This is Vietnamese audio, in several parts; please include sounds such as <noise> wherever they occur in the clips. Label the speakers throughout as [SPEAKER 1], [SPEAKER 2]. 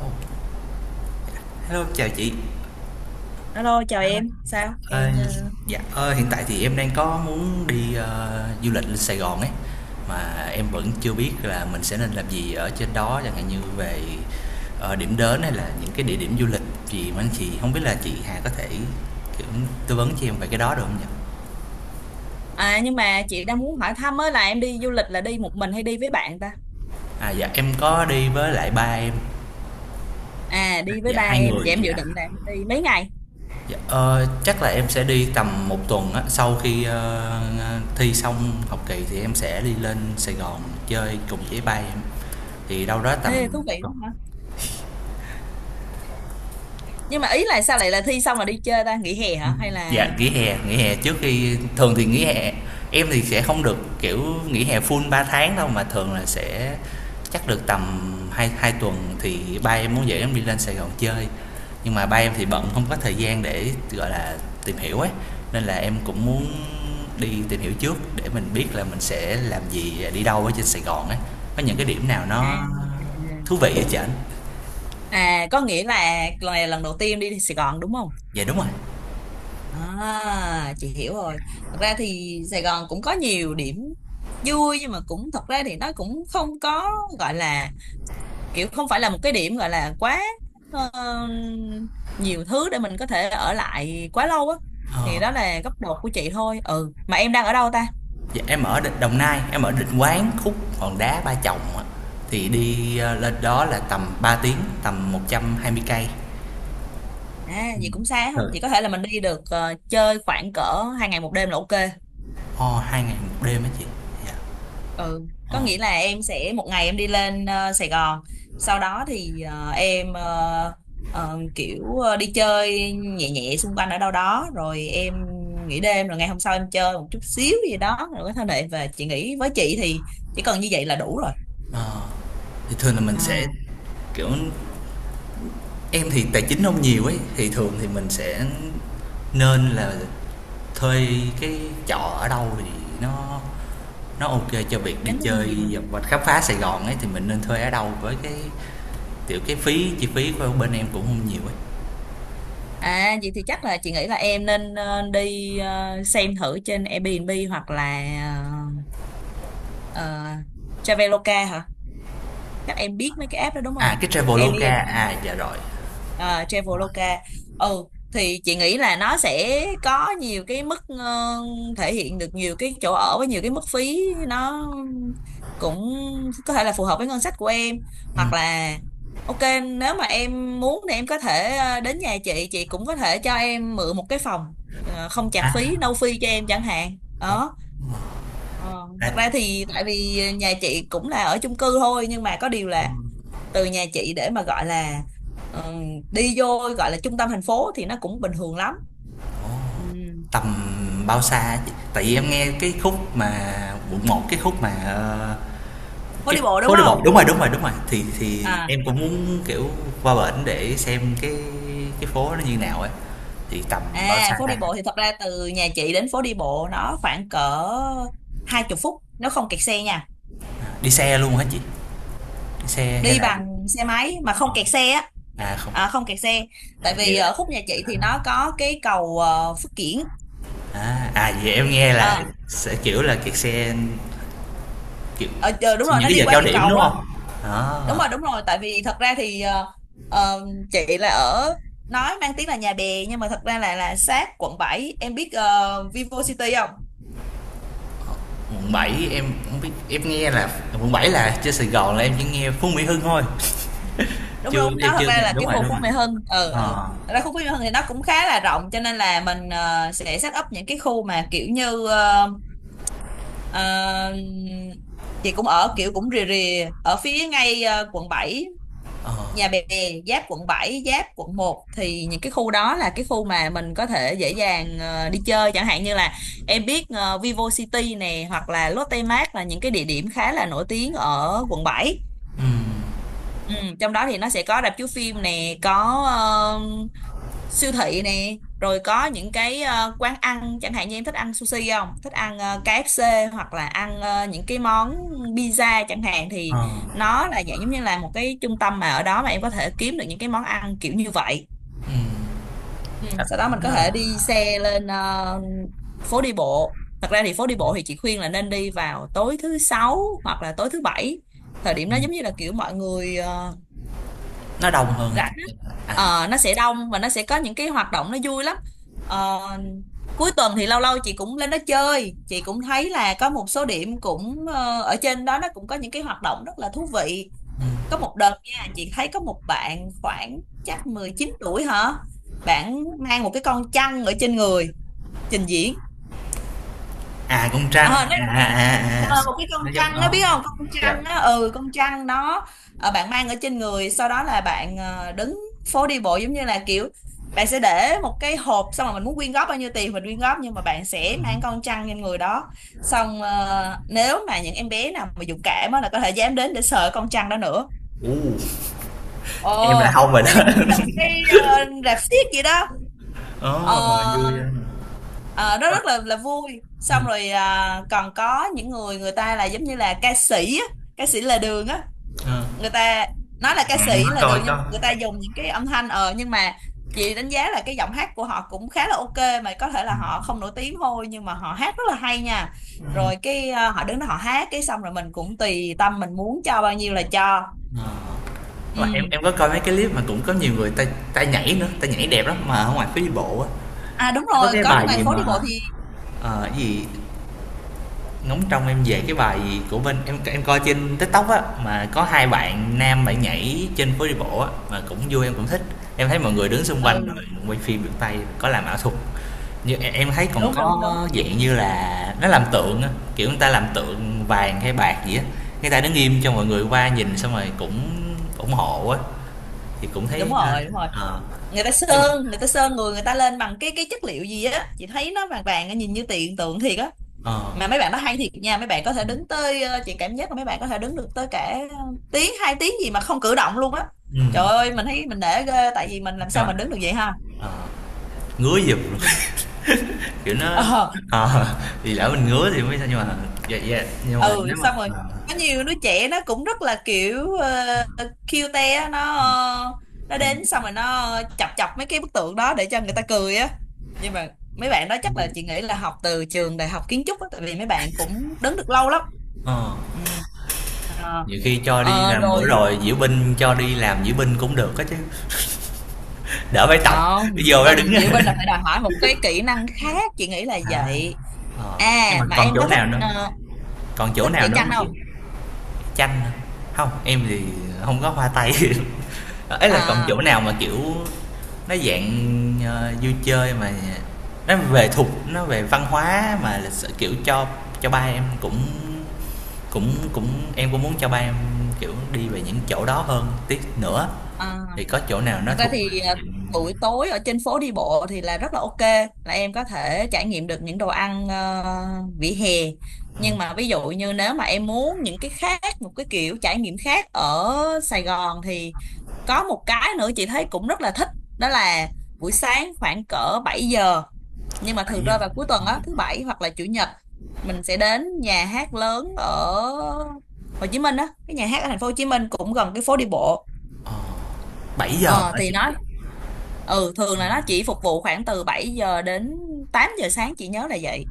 [SPEAKER 1] Ồ, Hello, chào chị.
[SPEAKER 2] Alo, chào
[SPEAKER 1] Đó,
[SPEAKER 2] em,
[SPEAKER 1] dạ,
[SPEAKER 2] sao
[SPEAKER 1] ờ,
[SPEAKER 2] em
[SPEAKER 1] dạ, hiện tại thì em đang có muốn đi du lịch lên Sài Gòn ấy, mà em vẫn chưa biết là mình sẽ nên làm gì ở trên đó, chẳng hạn như về điểm đến hay là những cái địa điểm du lịch gì mà anh chị không biết là chị Hà có thể kiểu tư vấn cho em về cái đó được không nhỉ?
[SPEAKER 2] à, nhưng mà chị đang muốn hỏi thăm á, là em đi du lịch là đi một mình hay đi với bạn ta?
[SPEAKER 1] À, dạ em có đi với lại ba em.
[SPEAKER 2] À, đi với
[SPEAKER 1] Dạ,
[SPEAKER 2] ba
[SPEAKER 1] hai
[SPEAKER 2] em,
[SPEAKER 1] người.
[SPEAKER 2] vậy em dự
[SPEAKER 1] Dạ.
[SPEAKER 2] định là em đi mấy ngày?
[SPEAKER 1] Dạ, chắc là em sẽ đi tầm một tuần á, sau khi thi xong học kỳ thì em sẽ đi lên Sài Gòn chơi cùng với ba em, thì đâu đó tầm
[SPEAKER 2] Ê, thú vị
[SPEAKER 1] tuần.
[SPEAKER 2] quá hả, nhưng mà ý là sao lại là thi xong rồi đi chơi ta, nghỉ hè hả hay
[SPEAKER 1] Dạ,
[SPEAKER 2] là...
[SPEAKER 1] nghỉ hè trước khi thường thì nghỉ hè em thì sẽ không được, kiểu, nghỉ hè full 3 tháng đâu, mà thường là sẽ chắc được tầm hai hai tuần thì ba em muốn dẫn em đi lên Sài Gòn chơi. Nhưng mà ba em thì bận không có thời gian để, gọi là, tìm hiểu ấy, nên là em cũng muốn đi tìm hiểu trước để mình biết là mình sẽ làm gì, à, đi đâu ở trên Sài Gòn ấy. Có những cái điểm nào
[SPEAKER 2] à,
[SPEAKER 1] nó thú vị hả chị ảnh?
[SPEAKER 2] à, có nghĩa là lần này là lần đầu tiên đi Sài Gòn đúng không?
[SPEAKER 1] Dạ, đúng rồi.
[SPEAKER 2] À, chị hiểu rồi. Thật ra thì Sài Gòn cũng có nhiều điểm vui, nhưng mà cũng thật ra thì nó cũng không có, gọi là, kiểu không phải là một cái điểm gọi là quá ờ, nhiều thứ để mình có thể ở lại quá lâu á. Thì
[SPEAKER 1] Ờ.
[SPEAKER 2] đó là góc độ của chị thôi. Ừ, mà em đang ở đâu ta?
[SPEAKER 1] Dạ, em ở Đồng Nai, em ở Định Quán, khúc Hòn Đá, Ba Chồng á. Thì đi lên đó là tầm 3 tiếng, tầm 120 cây.
[SPEAKER 2] À, vậy cũng xa ha,
[SPEAKER 1] Rồi.
[SPEAKER 2] vậy có thể là mình đi được chơi khoảng cỡ 2 ngày 1 đêm là ok.
[SPEAKER 1] Ồ, 2 ngày một đêm á chị. Dạ.
[SPEAKER 2] Ừ,
[SPEAKER 1] Ồ.
[SPEAKER 2] có nghĩa là em sẽ một ngày em đi lên Sài Gòn, sau đó thì em kiểu đi chơi nhẹ nhẹ xung quanh ở đâu đó, rồi em nghỉ đêm, rồi ngày hôm sau em chơi một chút xíu gì đó rồi có thể lại về. Chị nghĩ với chị thì chỉ cần như vậy là đủ rồi.
[SPEAKER 1] Thì thường là mình sẽ
[SPEAKER 2] À,
[SPEAKER 1] kiểu em thì tài chính không nhiều ấy, thì thường thì mình sẽ nên là thuê cái trọ ở đâu thì nó nó ok cho việc đi
[SPEAKER 2] tính không
[SPEAKER 1] chơi
[SPEAKER 2] gì mà.
[SPEAKER 1] và khám phá Sài Gòn ấy, thì mình nên thuê ở đâu với cái kiểu cái phí, chi phí của bên em cũng không nhiều ấy.
[SPEAKER 2] À, vậy thì chắc là chị nghĩ là em nên đi xem thử trên Airbnb hoặc là ờ, ờ, Traveloka hả? Chắc em biết mấy cái app đó đúng
[SPEAKER 1] À,
[SPEAKER 2] không?
[SPEAKER 1] cái Traveloka,
[SPEAKER 2] Airbnb,
[SPEAKER 1] à dạ rồi.
[SPEAKER 2] à Traveloka. Ừ, thì chị nghĩ là nó sẽ có nhiều cái mức thể hiện được nhiều cái chỗ ở với nhiều cái mức phí, nó cũng có thể là phù hợp với ngân sách của em, hoặc là ok, nếu mà em muốn thì em có thể đến nhà chị cũng có thể cho em mượn một cái phòng không chạc phí,
[SPEAKER 1] À,
[SPEAKER 2] no fee cho em chẳng hạn
[SPEAKER 1] ủa,
[SPEAKER 2] đó. Ờ, thật
[SPEAKER 1] à,
[SPEAKER 2] ra thì tại vì nhà chị cũng là ở chung cư thôi, nhưng mà có điều là từ nhà chị để mà gọi là ừm, đi vô gọi là trung tâm thành phố thì nó cũng bình thường lắm. Ừm,
[SPEAKER 1] tầm bao xa chị? Tại vì em nghe cái khúc mà quận một, cái khúc mà
[SPEAKER 2] phố
[SPEAKER 1] cái
[SPEAKER 2] đi bộ đúng
[SPEAKER 1] phố đi
[SPEAKER 2] không?
[SPEAKER 1] bộ, đúng rồi, đúng rồi, đúng rồi. Thì
[SPEAKER 2] À,
[SPEAKER 1] em cũng muốn kiểu qua bển để xem cái phố nó như nào ấy. Thì tầm bao
[SPEAKER 2] à
[SPEAKER 1] xa
[SPEAKER 2] phố
[SPEAKER 1] ta?
[SPEAKER 2] đi bộ thì thật ra từ nhà chị đến phố đi bộ nó khoảng cỡ hai chục phút, nó không kẹt xe nha.
[SPEAKER 1] Đi xe luôn hả chị? Đi xe hay
[SPEAKER 2] Đi
[SPEAKER 1] là
[SPEAKER 2] bằng xe máy mà không
[SPEAKER 1] Ờ,
[SPEAKER 2] kẹt xe á.
[SPEAKER 1] à không.
[SPEAKER 2] À, không kẹt xe.
[SPEAKER 1] À,
[SPEAKER 2] Tại
[SPEAKER 1] vậy
[SPEAKER 2] vì
[SPEAKER 1] là
[SPEAKER 2] ở khúc nhà chị thì nó có cái cầu Phước Kiển.
[SPEAKER 1] à, à vậy em nghe là
[SPEAKER 2] Ờ,
[SPEAKER 1] sẽ kiểu là kẹt xe kiểu
[SPEAKER 2] ờ, đúng rồi,
[SPEAKER 1] những
[SPEAKER 2] nó
[SPEAKER 1] cái
[SPEAKER 2] đi
[SPEAKER 1] giờ
[SPEAKER 2] qua
[SPEAKER 1] cao
[SPEAKER 2] cái
[SPEAKER 1] điểm
[SPEAKER 2] cầu
[SPEAKER 1] đúng
[SPEAKER 2] á.
[SPEAKER 1] không?
[SPEAKER 2] Đúng
[SPEAKER 1] Đó.
[SPEAKER 2] rồi, đúng rồi, tại vì thật ra thì ờ, chị là ở, nói mang tiếng là Nhà Bè nhưng mà thật ra là sát quận bảy. Em biết Vivo City không?
[SPEAKER 1] Quận 7 em không biết, em nghe là quận 7 là trên Sài Gòn là em chỉ nghe Phú Mỹ Hưng thôi. <laughs>
[SPEAKER 2] Đúng,
[SPEAKER 1] Chưa,
[SPEAKER 2] đúng,
[SPEAKER 1] em
[SPEAKER 2] nó thật
[SPEAKER 1] chưa
[SPEAKER 2] ra
[SPEAKER 1] nghe,
[SPEAKER 2] là
[SPEAKER 1] đúng
[SPEAKER 2] cái
[SPEAKER 1] rồi,
[SPEAKER 2] khu
[SPEAKER 1] đúng
[SPEAKER 2] Phú
[SPEAKER 1] rồi.
[SPEAKER 2] Mỹ Hưng. Ừ, ừ,
[SPEAKER 1] ờ
[SPEAKER 2] thật ra khu Phú Mỹ Hưng thì nó cũng khá là rộng, cho nên là mình sẽ set up những cái khu mà kiểu như ờ, chị cũng ở kiểu cũng rìa rìa ở phía ngay quận 7, Nhà Bè, giáp quận 7, giáp quận 1. Thì những cái khu đó là cái khu mà mình có thể dễ dàng đi chơi, chẳng hạn như là em biết Vivo City nè hoặc là Lotte Mart, là những cái địa điểm khá là nổi tiếng ở quận 7. Ừ, trong đó thì nó sẽ có rạp chiếu phim nè, có siêu thị nè, rồi có những cái quán ăn, chẳng hạn như em thích ăn sushi không, thích ăn KFC hoặc là ăn những cái món pizza chẳng hạn,
[SPEAKER 1] ờ
[SPEAKER 2] thì nó là dạng giống như là một cái trung tâm mà ở đó mà em có thể kiếm được những cái món ăn kiểu như vậy. Ừ,
[SPEAKER 1] À,
[SPEAKER 2] sau đó mình có
[SPEAKER 1] nó
[SPEAKER 2] thể
[SPEAKER 1] là
[SPEAKER 2] đi xe lên phố đi bộ. Thật ra thì phố đi bộ thì chị khuyên là nên đi vào tối thứ sáu hoặc là tối thứ bảy. Thời điểm đó giống như là kiểu mọi người
[SPEAKER 1] nó đông hơn.
[SPEAKER 2] rảnh á,
[SPEAKER 1] À,
[SPEAKER 2] nó sẽ đông và nó sẽ có những cái hoạt động nó vui lắm. Ờ, cuối tuần thì lâu lâu chị cũng lên đó chơi, chị cũng thấy là có một số điểm cũng ở trên đó nó cũng có những cái hoạt động rất là thú vị. Có một đợt nha, chị thấy có một bạn khoảng chắc 19 tuổi hả, bạn mang một cái con chăn ở trên người trình diễn.
[SPEAKER 1] à con trăng
[SPEAKER 2] Ờ,
[SPEAKER 1] à, à, à, à, à,
[SPEAKER 2] Ờ, một cái con
[SPEAKER 1] nó giống
[SPEAKER 2] trăn đó biết
[SPEAKER 1] đó.
[SPEAKER 2] không, con
[SPEAKER 1] Dạ.
[SPEAKER 2] trăn đó, ừ, con trăn đó bạn mang ở trên người, sau đó là bạn đứng phố đi bộ giống như là kiểu bạn sẽ để một cái hộp, xong rồi mình muốn quyên góp bao nhiêu tiền mình quyên góp, nhưng mà bạn sẽ mang con trăn trên người đó. Xong nếu mà những em bé nào mà dũng cảm á là có thể dám đến để sờ con trăn đó nữa.
[SPEAKER 1] u
[SPEAKER 2] Ồ,
[SPEAKER 1] em là không rồi
[SPEAKER 2] nó
[SPEAKER 1] đó.
[SPEAKER 2] giống
[SPEAKER 1] <laughs>
[SPEAKER 2] như là một cái rạp xiếc vậy đó. Ờ,
[SPEAKER 1] Ồ, vui á.
[SPEAKER 2] ờ, nó rất là vui.
[SPEAKER 1] Ừ.
[SPEAKER 2] Xong rồi à, còn có những người, người ta là giống như là ca sĩ á, ca sĩ là đường á,
[SPEAKER 1] Ờ.
[SPEAKER 2] người ta nói là ca
[SPEAKER 1] Em
[SPEAKER 2] sĩ là
[SPEAKER 1] có coi
[SPEAKER 2] đường nhưng
[SPEAKER 1] có
[SPEAKER 2] người ta dùng những cái âm thanh nhưng mà chị đánh giá là cái giọng hát của họ cũng khá là ok, mà có thể là họ không nổi tiếng thôi nhưng mà họ hát rất là hay nha. Rồi cái à, họ đứng đó họ hát cái xong rồi mình cũng tùy tâm mình muốn cho bao nhiêu là cho.
[SPEAKER 1] mà em
[SPEAKER 2] Ừ,
[SPEAKER 1] em có coi mấy cái clip mà cũng có nhiều người ta ta nhảy nữa, ta nhảy đẹp lắm mà ở ngoài phố đi bộ á.
[SPEAKER 2] à đúng
[SPEAKER 1] Nó có
[SPEAKER 2] rồi,
[SPEAKER 1] cái
[SPEAKER 2] có nơi
[SPEAKER 1] bài
[SPEAKER 2] này
[SPEAKER 1] gì
[SPEAKER 2] phố đi
[SPEAKER 1] mà
[SPEAKER 2] bộ thì...
[SPEAKER 1] Ờ, cái gì ngóng trông em về, cái bài của bên em coi trên TikTok á mà có hai bạn nam, bạn nhảy trên phố đi bộ á mà cũng vui em cũng thích. Em thấy mọi người đứng xung quanh
[SPEAKER 2] Ừ,
[SPEAKER 1] rồi quay phim, được tay có làm ảo thuật. Như em thấy còn
[SPEAKER 2] đúng, đúng, đúng.
[SPEAKER 1] có dạng như là nó làm tượng á, kiểu người ta làm tượng vàng hay bạc gì á. Người ta đứng im cho mọi người qua nhìn xong rồi cũng ủng hộ á thì cũng
[SPEAKER 2] Đúng
[SPEAKER 1] thấy
[SPEAKER 2] rồi, đúng rồi,
[SPEAKER 1] ờ,
[SPEAKER 2] người ta
[SPEAKER 1] nhưng mà
[SPEAKER 2] sơn, người ta sơn, người người ta lên bằng cái chất liệu gì á, chị thấy nó vàng vàng nhìn như tiền tượng thiệt á. Mà
[SPEAKER 1] ờ
[SPEAKER 2] mấy bạn nó hay thiệt nha, mấy bạn có thể đứng tới chị cảm giác là mấy bạn có thể đứng được tới cả tiếng, 2 tiếng gì mà không cử động luôn á.
[SPEAKER 1] ừ,
[SPEAKER 2] Trời ơi, mình thấy mình nể ghê, tại vì mình làm
[SPEAKER 1] nhưng
[SPEAKER 2] sao
[SPEAKER 1] mà
[SPEAKER 2] mình đứng được vậy ha.
[SPEAKER 1] ngứa giùm luôn.
[SPEAKER 2] Ừ.
[SPEAKER 1] Kiểu nó
[SPEAKER 2] Ờ,
[SPEAKER 1] ờ, thì lỡ mình ngứa thì mới sao nhưng mà dạ dạ, nhưng mà
[SPEAKER 2] ừ
[SPEAKER 1] nếu mà
[SPEAKER 2] xong rồi có nhiều đứa trẻ nó cũng rất là kiểu cute á, nó nó đến xong rồi nó chọc chọc mấy cái bức tượng đó để cho người ta cười á. Nhưng mà mấy bạn đó chắc là chị nghĩ là học từ trường đại học kiến trúc á, tại vì mấy bạn cũng đứng được lâu lắm.
[SPEAKER 1] ờ,
[SPEAKER 2] Ừ. Ờ,
[SPEAKER 1] nhiều khi cho đi làm bữa
[SPEAKER 2] rồi
[SPEAKER 1] rồi diễu binh, cho đi làm diễu binh cũng được á chứ. Đỡ phải tập, bây
[SPEAKER 2] không, Diệu
[SPEAKER 1] giờ ra đứng.
[SPEAKER 2] Bình, Diệu Bình là phải
[SPEAKER 1] <laughs>
[SPEAKER 2] đòi hỏi một cái kỹ năng khác chị nghĩ là
[SPEAKER 1] À.
[SPEAKER 2] vậy.
[SPEAKER 1] Ờ, nhưng mà
[SPEAKER 2] À, mà
[SPEAKER 1] còn
[SPEAKER 2] em
[SPEAKER 1] chỗ
[SPEAKER 2] có
[SPEAKER 1] nào nữa? Còn chỗ
[SPEAKER 2] thích
[SPEAKER 1] nào
[SPEAKER 2] vẽ
[SPEAKER 1] nữa
[SPEAKER 2] tranh
[SPEAKER 1] hông chị?
[SPEAKER 2] không?
[SPEAKER 1] Chanh hả? Hông, em thì không có hoa tay. <laughs> Ấy là còn chỗ
[SPEAKER 2] à,
[SPEAKER 1] nào mà, kiểu, nó dạng, vui chơi mà nó về thuộc, nó về văn hóa mà lịch sử, kiểu, cho ba em cũng cũng cũng em cũng muốn cho ba em, kiểu, đi về những chỗ đó hơn tí nữa,
[SPEAKER 2] à
[SPEAKER 1] thì có chỗ nào nó
[SPEAKER 2] thật ra
[SPEAKER 1] thuộc
[SPEAKER 2] thì à,
[SPEAKER 1] diện
[SPEAKER 2] buổi tối ở trên phố đi bộ thì là rất là ok, là em có thể trải nghiệm được những đồ ăn vỉa hè. Nhưng mà ví dụ như nếu mà em muốn những cái khác, một cái kiểu trải nghiệm khác ở Sài Gòn thì có một cái nữa chị thấy cũng rất là thích, đó là buổi sáng khoảng cỡ 7 giờ. Nhưng mà
[SPEAKER 1] 7
[SPEAKER 2] thường
[SPEAKER 1] giờ?
[SPEAKER 2] rơi vào cuối tuần á, thứ bảy hoặc là chủ nhật, mình sẽ đến nhà hát lớn ở Hồ Chí Minh á, cái nhà hát ở thành phố Hồ Chí Minh cũng gần cái phố đi bộ.
[SPEAKER 1] Ờ, 7 giờ
[SPEAKER 2] Ờ
[SPEAKER 1] hả
[SPEAKER 2] thì
[SPEAKER 1] chị?
[SPEAKER 2] nó ừ thường là nó chỉ phục vụ khoảng từ 7 giờ đến 8 giờ sáng, chị nhớ là vậy.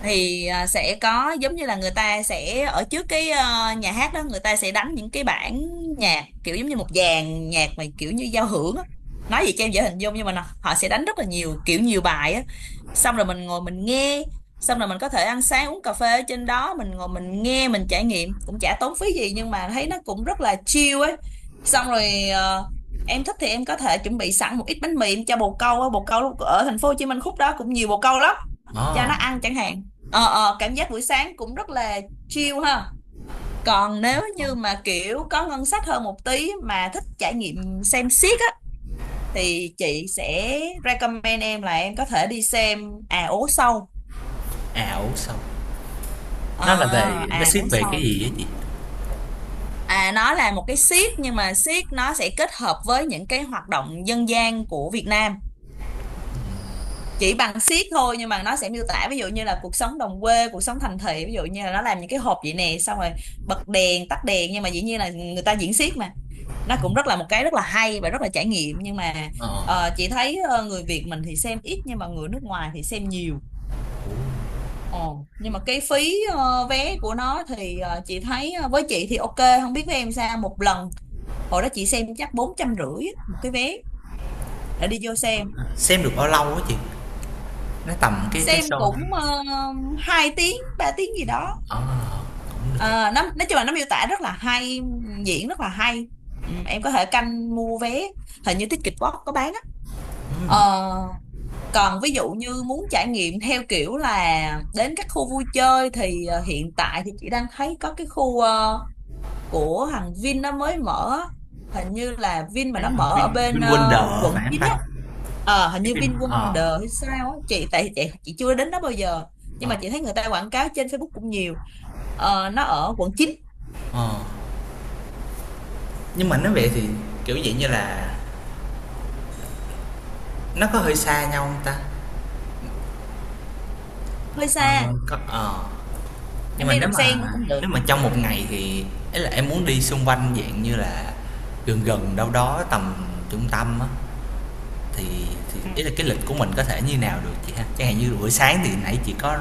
[SPEAKER 2] Thì sẽ có giống như là người ta sẽ ở trước cái nhà hát đó, người ta sẽ đánh những cái bản nhạc kiểu giống như một dàn nhạc mà kiểu như giao hưởng á, nói gì cho em dễ hình dung. Nhưng mà họ sẽ đánh rất là nhiều kiểu, nhiều bài á, xong rồi mình ngồi mình nghe, xong rồi mình có thể ăn sáng uống cà phê ở trên đó, mình ngồi mình nghe mình trải nghiệm, cũng chả tốn phí gì nhưng mà thấy nó cũng rất là chill ấy. Xong rồi em thích thì em có thể chuẩn bị sẵn một ít bánh mì em cho bồ câu á, bồ câu ở thành phố Hồ Chí Minh khúc đó cũng nhiều bồ câu lắm, cho
[SPEAKER 1] Ờ,
[SPEAKER 2] nó ăn chẳng hạn. Ờ, cảm giác buổi sáng cũng rất là chill ha. Còn nếu như mà kiểu có ngân sách hơn một tí mà thích trải nghiệm xem xiếc á, thì chị sẽ recommend em là em có thể đi xem à ố sâu.
[SPEAKER 1] ảo ủ sao,
[SPEAKER 2] ờ
[SPEAKER 1] nó là về, nó
[SPEAKER 2] à
[SPEAKER 1] xét
[SPEAKER 2] ố
[SPEAKER 1] về cái
[SPEAKER 2] sâu
[SPEAKER 1] gì á chị?
[SPEAKER 2] à, nó là một cái xiếc, nhưng mà xiếc nó sẽ kết hợp với những cái hoạt động dân gian của Việt Nam, chỉ bằng siết thôi, nhưng mà nó sẽ miêu tả ví dụ như là cuộc sống đồng quê, cuộc sống thành thị. Ví dụ như là nó làm những cái hộp vậy nè, xong rồi bật đèn tắt đèn, nhưng mà dĩ nhiên là người ta diễn xiếc mà. Nó cũng rất là một cái rất là hay và rất là trải nghiệm. Nhưng mà
[SPEAKER 1] Ờ,
[SPEAKER 2] chị thấy người Việt mình thì xem ít, nhưng mà người nước ngoài thì xem nhiều.
[SPEAKER 1] ủa,
[SPEAKER 2] Ồ, nhưng mà cái phí vé của nó thì chị thấy, với chị thì ok, không biết với em sao. Một lần hồi đó chị xem chắc 450 một cái vé để đi vô xem.
[SPEAKER 1] xem được bao lâu á chị? Nó tầm cái
[SPEAKER 2] Xem
[SPEAKER 1] show
[SPEAKER 2] cũng 2 tiếng 3 tiếng gì đó.
[SPEAKER 1] ờ, cũng được.
[SPEAKER 2] Ờ, nó nói chung là nó miêu tả rất là hay, diễn rất là hay. Ừ, em có thể canh mua vé, hình như Ticketbox có bán á. Ờ,
[SPEAKER 1] Ừm,
[SPEAKER 2] còn ví dụ như muốn trải nghiệm theo kiểu là đến các khu vui chơi thì hiện tại thì chị đang thấy có cái khu của thằng Vin nó mới mở á. Hình như là Vin mà
[SPEAKER 1] cái
[SPEAKER 2] nó mở
[SPEAKER 1] Vin,
[SPEAKER 2] ở bên
[SPEAKER 1] VinWonder á phải
[SPEAKER 2] quận
[SPEAKER 1] hông
[SPEAKER 2] 9
[SPEAKER 1] ta?
[SPEAKER 2] á. Ờ, hình
[SPEAKER 1] Cái
[SPEAKER 2] như
[SPEAKER 1] Vin
[SPEAKER 2] Vin Quân
[SPEAKER 1] ờ,
[SPEAKER 2] Đờ hay sao á, chị tại chị chưa đến đó bao giờ, nhưng
[SPEAKER 1] ờ,
[SPEAKER 2] mà chị thấy người ta quảng cáo trên Facebook cũng nhiều. Ờ, nó ở quận 9.
[SPEAKER 1] ờ.
[SPEAKER 2] Ừ.
[SPEAKER 1] Nhưng mà nếu về thì, kiểu, vậy như là, nó có hơi xa nhau không ta?
[SPEAKER 2] Hơi
[SPEAKER 1] Ờ,
[SPEAKER 2] xa,
[SPEAKER 1] có ờ. Nhưng
[SPEAKER 2] em
[SPEAKER 1] mà
[SPEAKER 2] đi
[SPEAKER 1] nếu
[SPEAKER 2] đầm
[SPEAKER 1] mà
[SPEAKER 2] sen nó cũng được.
[SPEAKER 1] trong một ngày thì ấy là em muốn đi xung quanh dạng như là gần gần đâu đó tầm trung tâm á, thì thì
[SPEAKER 2] à,
[SPEAKER 1] ý là cái lịch của mình có thể như nào được chị ha? Chẳng hạn như buổi sáng thì nãy chị có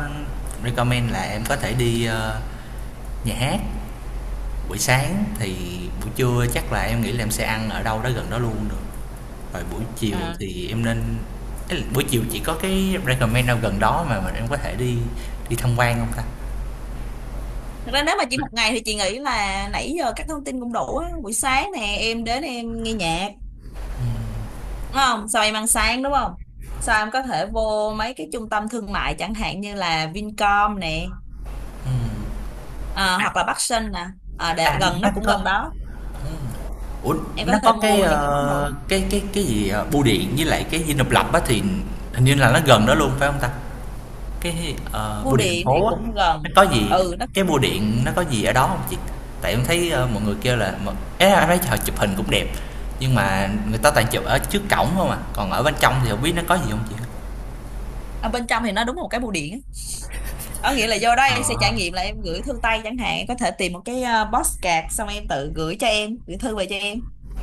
[SPEAKER 1] recommend là em có thể đi, nhà hát buổi sáng, thì buổi trưa chắc là em nghĩ là em sẽ ăn ở đâu đó gần đó luôn được. Rồi buổi chiều
[SPEAKER 2] à.
[SPEAKER 1] thì em nên ý là buổi chiều chị có cái recommend nào gần đó mà em có thể đi đi tham quan không ta?
[SPEAKER 2] Thật ra nếu mà chỉ một ngày thì chị nghĩ là nãy giờ các thông tin cũng đủ á. Buổi sáng nè em đến em nghe nhạc đúng không, sau em ăn sáng đúng không, sau em có thể vô mấy cái trung tâm thương mại chẳng hạn như là Vincom nè, hoặc là Bắc Sơn nè,
[SPEAKER 1] À,
[SPEAKER 2] gần, nó
[SPEAKER 1] nó
[SPEAKER 2] cũng
[SPEAKER 1] có.
[SPEAKER 2] gần đó,
[SPEAKER 1] Ủa,
[SPEAKER 2] em
[SPEAKER 1] nó
[SPEAKER 2] có thể
[SPEAKER 1] có cái
[SPEAKER 2] mua những cái món đồ.
[SPEAKER 1] cái cái gì bưu điện với lại cái Dinh Độc Lập á, thì hình như là nó gần đó luôn phải không ta? Cái
[SPEAKER 2] Bưu
[SPEAKER 1] bưu điện thành
[SPEAKER 2] điện thì
[SPEAKER 1] phố á
[SPEAKER 2] cũng
[SPEAKER 1] nó
[SPEAKER 2] gần,
[SPEAKER 1] có gì,
[SPEAKER 2] ừ nó
[SPEAKER 1] cái
[SPEAKER 2] cũng
[SPEAKER 1] bưu điện nó có gì ở đó không chị? Tại em thấy mọi người kêu là ấy là em thấy họ chụp hình cũng đẹp, nhưng mà người ta toàn chụp ở trước cổng không, à còn ở bên trong thì không biết nó có gì không chị?
[SPEAKER 2] ở bên trong thì nó đúng một cái bưu điện á. Có nghĩa là vô đó
[SPEAKER 1] Ờ.
[SPEAKER 2] em sẽ trải nghiệm là em gửi thư tay chẳng hạn, có thể tìm một cái box card xong em tự gửi cho em, gửi thư về cho em.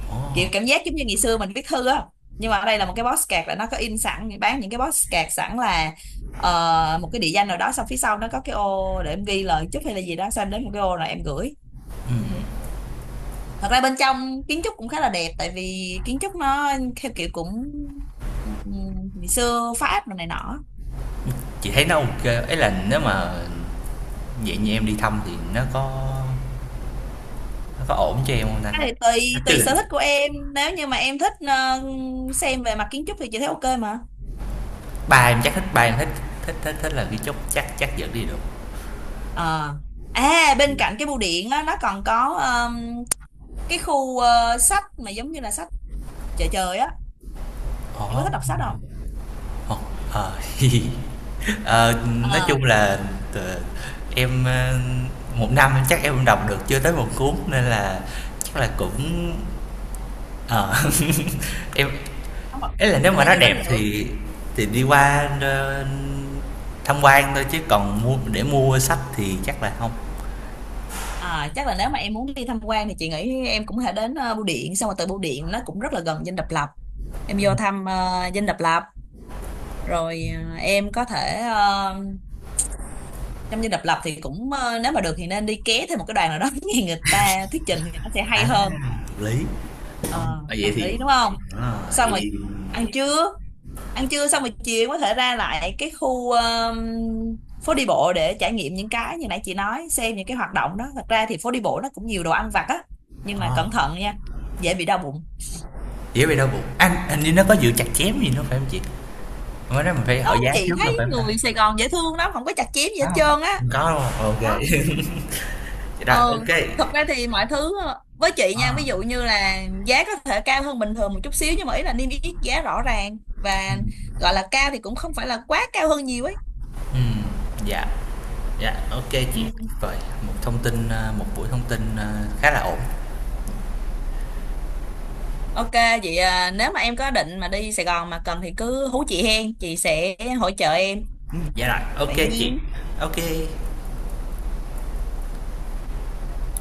[SPEAKER 1] Ồ,
[SPEAKER 2] Kiểu cảm giác giống như ngày xưa mình viết thư á. Nhưng mà ở đây là một cái box card là nó có in sẵn, bán những cái box card sẵn là một cái địa danh nào đó, xong phía sau nó có cái ô để em ghi lời chúc hay là gì đó, xong em đến một cái ô rồi em gửi. Thật ra bên trong kiến trúc cũng khá là đẹp, tại vì kiến trúc nó theo kiểu cũng ngày xưa Pháp rồi này nọ.
[SPEAKER 1] chị thấy nó ok ấy là nếu mà vậy như em đi thăm thì nó có ổn cho em không ta?
[SPEAKER 2] Cái này tùy
[SPEAKER 1] Cái
[SPEAKER 2] tùy sở
[SPEAKER 1] lịch.
[SPEAKER 2] thích của em. Nếu như mà em thích xem về mặt kiến trúc thì chị thấy ok mà.
[SPEAKER 1] Bà em chắc thích, ba em thích thích thích thích là cái chốt, chắc chắc dẫn đi được.
[SPEAKER 2] Ờ. À, bên cạnh cái bưu điện á, nó còn có cái khu sách mà giống như là sách chợ trời á, em có
[SPEAKER 1] Ồ.
[SPEAKER 2] thích đọc sách không?
[SPEAKER 1] Ồ, ờ. <laughs> Ờ, nói
[SPEAKER 2] ờ
[SPEAKER 1] chung là t em, 1 năm em chắc em đọc được chưa tới một cuốn, nên là chắc là cũng ờ, <laughs> em
[SPEAKER 2] Không ạ.
[SPEAKER 1] ấy là
[SPEAKER 2] Thì
[SPEAKER 1] nếu
[SPEAKER 2] có
[SPEAKER 1] mà
[SPEAKER 2] thể
[SPEAKER 1] nó
[SPEAKER 2] vô đó
[SPEAKER 1] đẹp
[SPEAKER 2] lựa.
[SPEAKER 1] thì đi qua, tham quan thôi chứ còn mua, để mua sách thì chắc là không.
[SPEAKER 2] À, chắc là nếu mà em muốn đi tham quan thì chị nghĩ em cũng có thể đến bưu điện, xong rồi từ bưu điện nó cũng rất là gần Dinh Độc Lập, em vô thăm Dinh Độc Lập, rồi em có thể, trong như độc lập thì cũng nếu mà được thì nên đi ké thêm một cái đoàn nào đó <laughs> nghe người ta thuyết trình thì nó sẽ hay
[SPEAKER 1] À,
[SPEAKER 2] hơn.
[SPEAKER 1] hợp lý. Ồ,
[SPEAKER 2] Ờ,
[SPEAKER 1] vậy
[SPEAKER 2] hợp
[SPEAKER 1] thì
[SPEAKER 2] lý đúng không.
[SPEAKER 1] à,
[SPEAKER 2] Xong rồi
[SPEAKER 1] vậy
[SPEAKER 2] ăn trưa, ăn trưa xong rồi chiều có thể ra lại cái khu phố đi bộ để trải nghiệm những cái như nãy chị nói, xem những cái hoạt động đó. Thật ra thì phố đi bộ nó cũng nhiều đồ ăn vặt á, nhưng mà
[SPEAKER 1] Ờ,
[SPEAKER 2] cẩn thận nha, dễ bị đau bụng.
[SPEAKER 1] dĩa về đau bụng. Anh như nó có dự chặt chém gì nữa phải không chị? Mới đó mình phải
[SPEAKER 2] Đúng
[SPEAKER 1] hỏi
[SPEAKER 2] không,
[SPEAKER 1] giá
[SPEAKER 2] chị
[SPEAKER 1] trước nữa
[SPEAKER 2] thấy
[SPEAKER 1] phải không ta?
[SPEAKER 2] người Sài Gòn dễ thương lắm, không có chặt chém gì
[SPEAKER 1] Có
[SPEAKER 2] hết
[SPEAKER 1] không?
[SPEAKER 2] trơn á.
[SPEAKER 1] Hông có, đúng hông? Ô. <laughs>
[SPEAKER 2] Không.
[SPEAKER 1] Vậy rồi,
[SPEAKER 2] Ờ,
[SPEAKER 1] ok.
[SPEAKER 2] thật ra thì mọi thứ với chị
[SPEAKER 1] Ờ,
[SPEAKER 2] nha, ví dụ như là giá có thể cao hơn bình thường một chút xíu, nhưng mà ý là niêm yết giá rõ ràng, và
[SPEAKER 1] ừm,
[SPEAKER 2] gọi là cao thì cũng không phải là quá cao hơn nhiều ấy.
[SPEAKER 1] ừm, dạ, dạ, ok chị.
[SPEAKER 2] Ừ.
[SPEAKER 1] Rồi, một buổi thông tin, khá là ổn.
[SPEAKER 2] Ok, vậy à, nếu mà em có định mà đi Sài Gòn mà cần thì cứ hú chị hen, chị sẽ hỗ trợ em. Ừ,
[SPEAKER 1] Dạ rồi,
[SPEAKER 2] tự
[SPEAKER 1] ok chị,
[SPEAKER 2] nhiên.
[SPEAKER 1] ok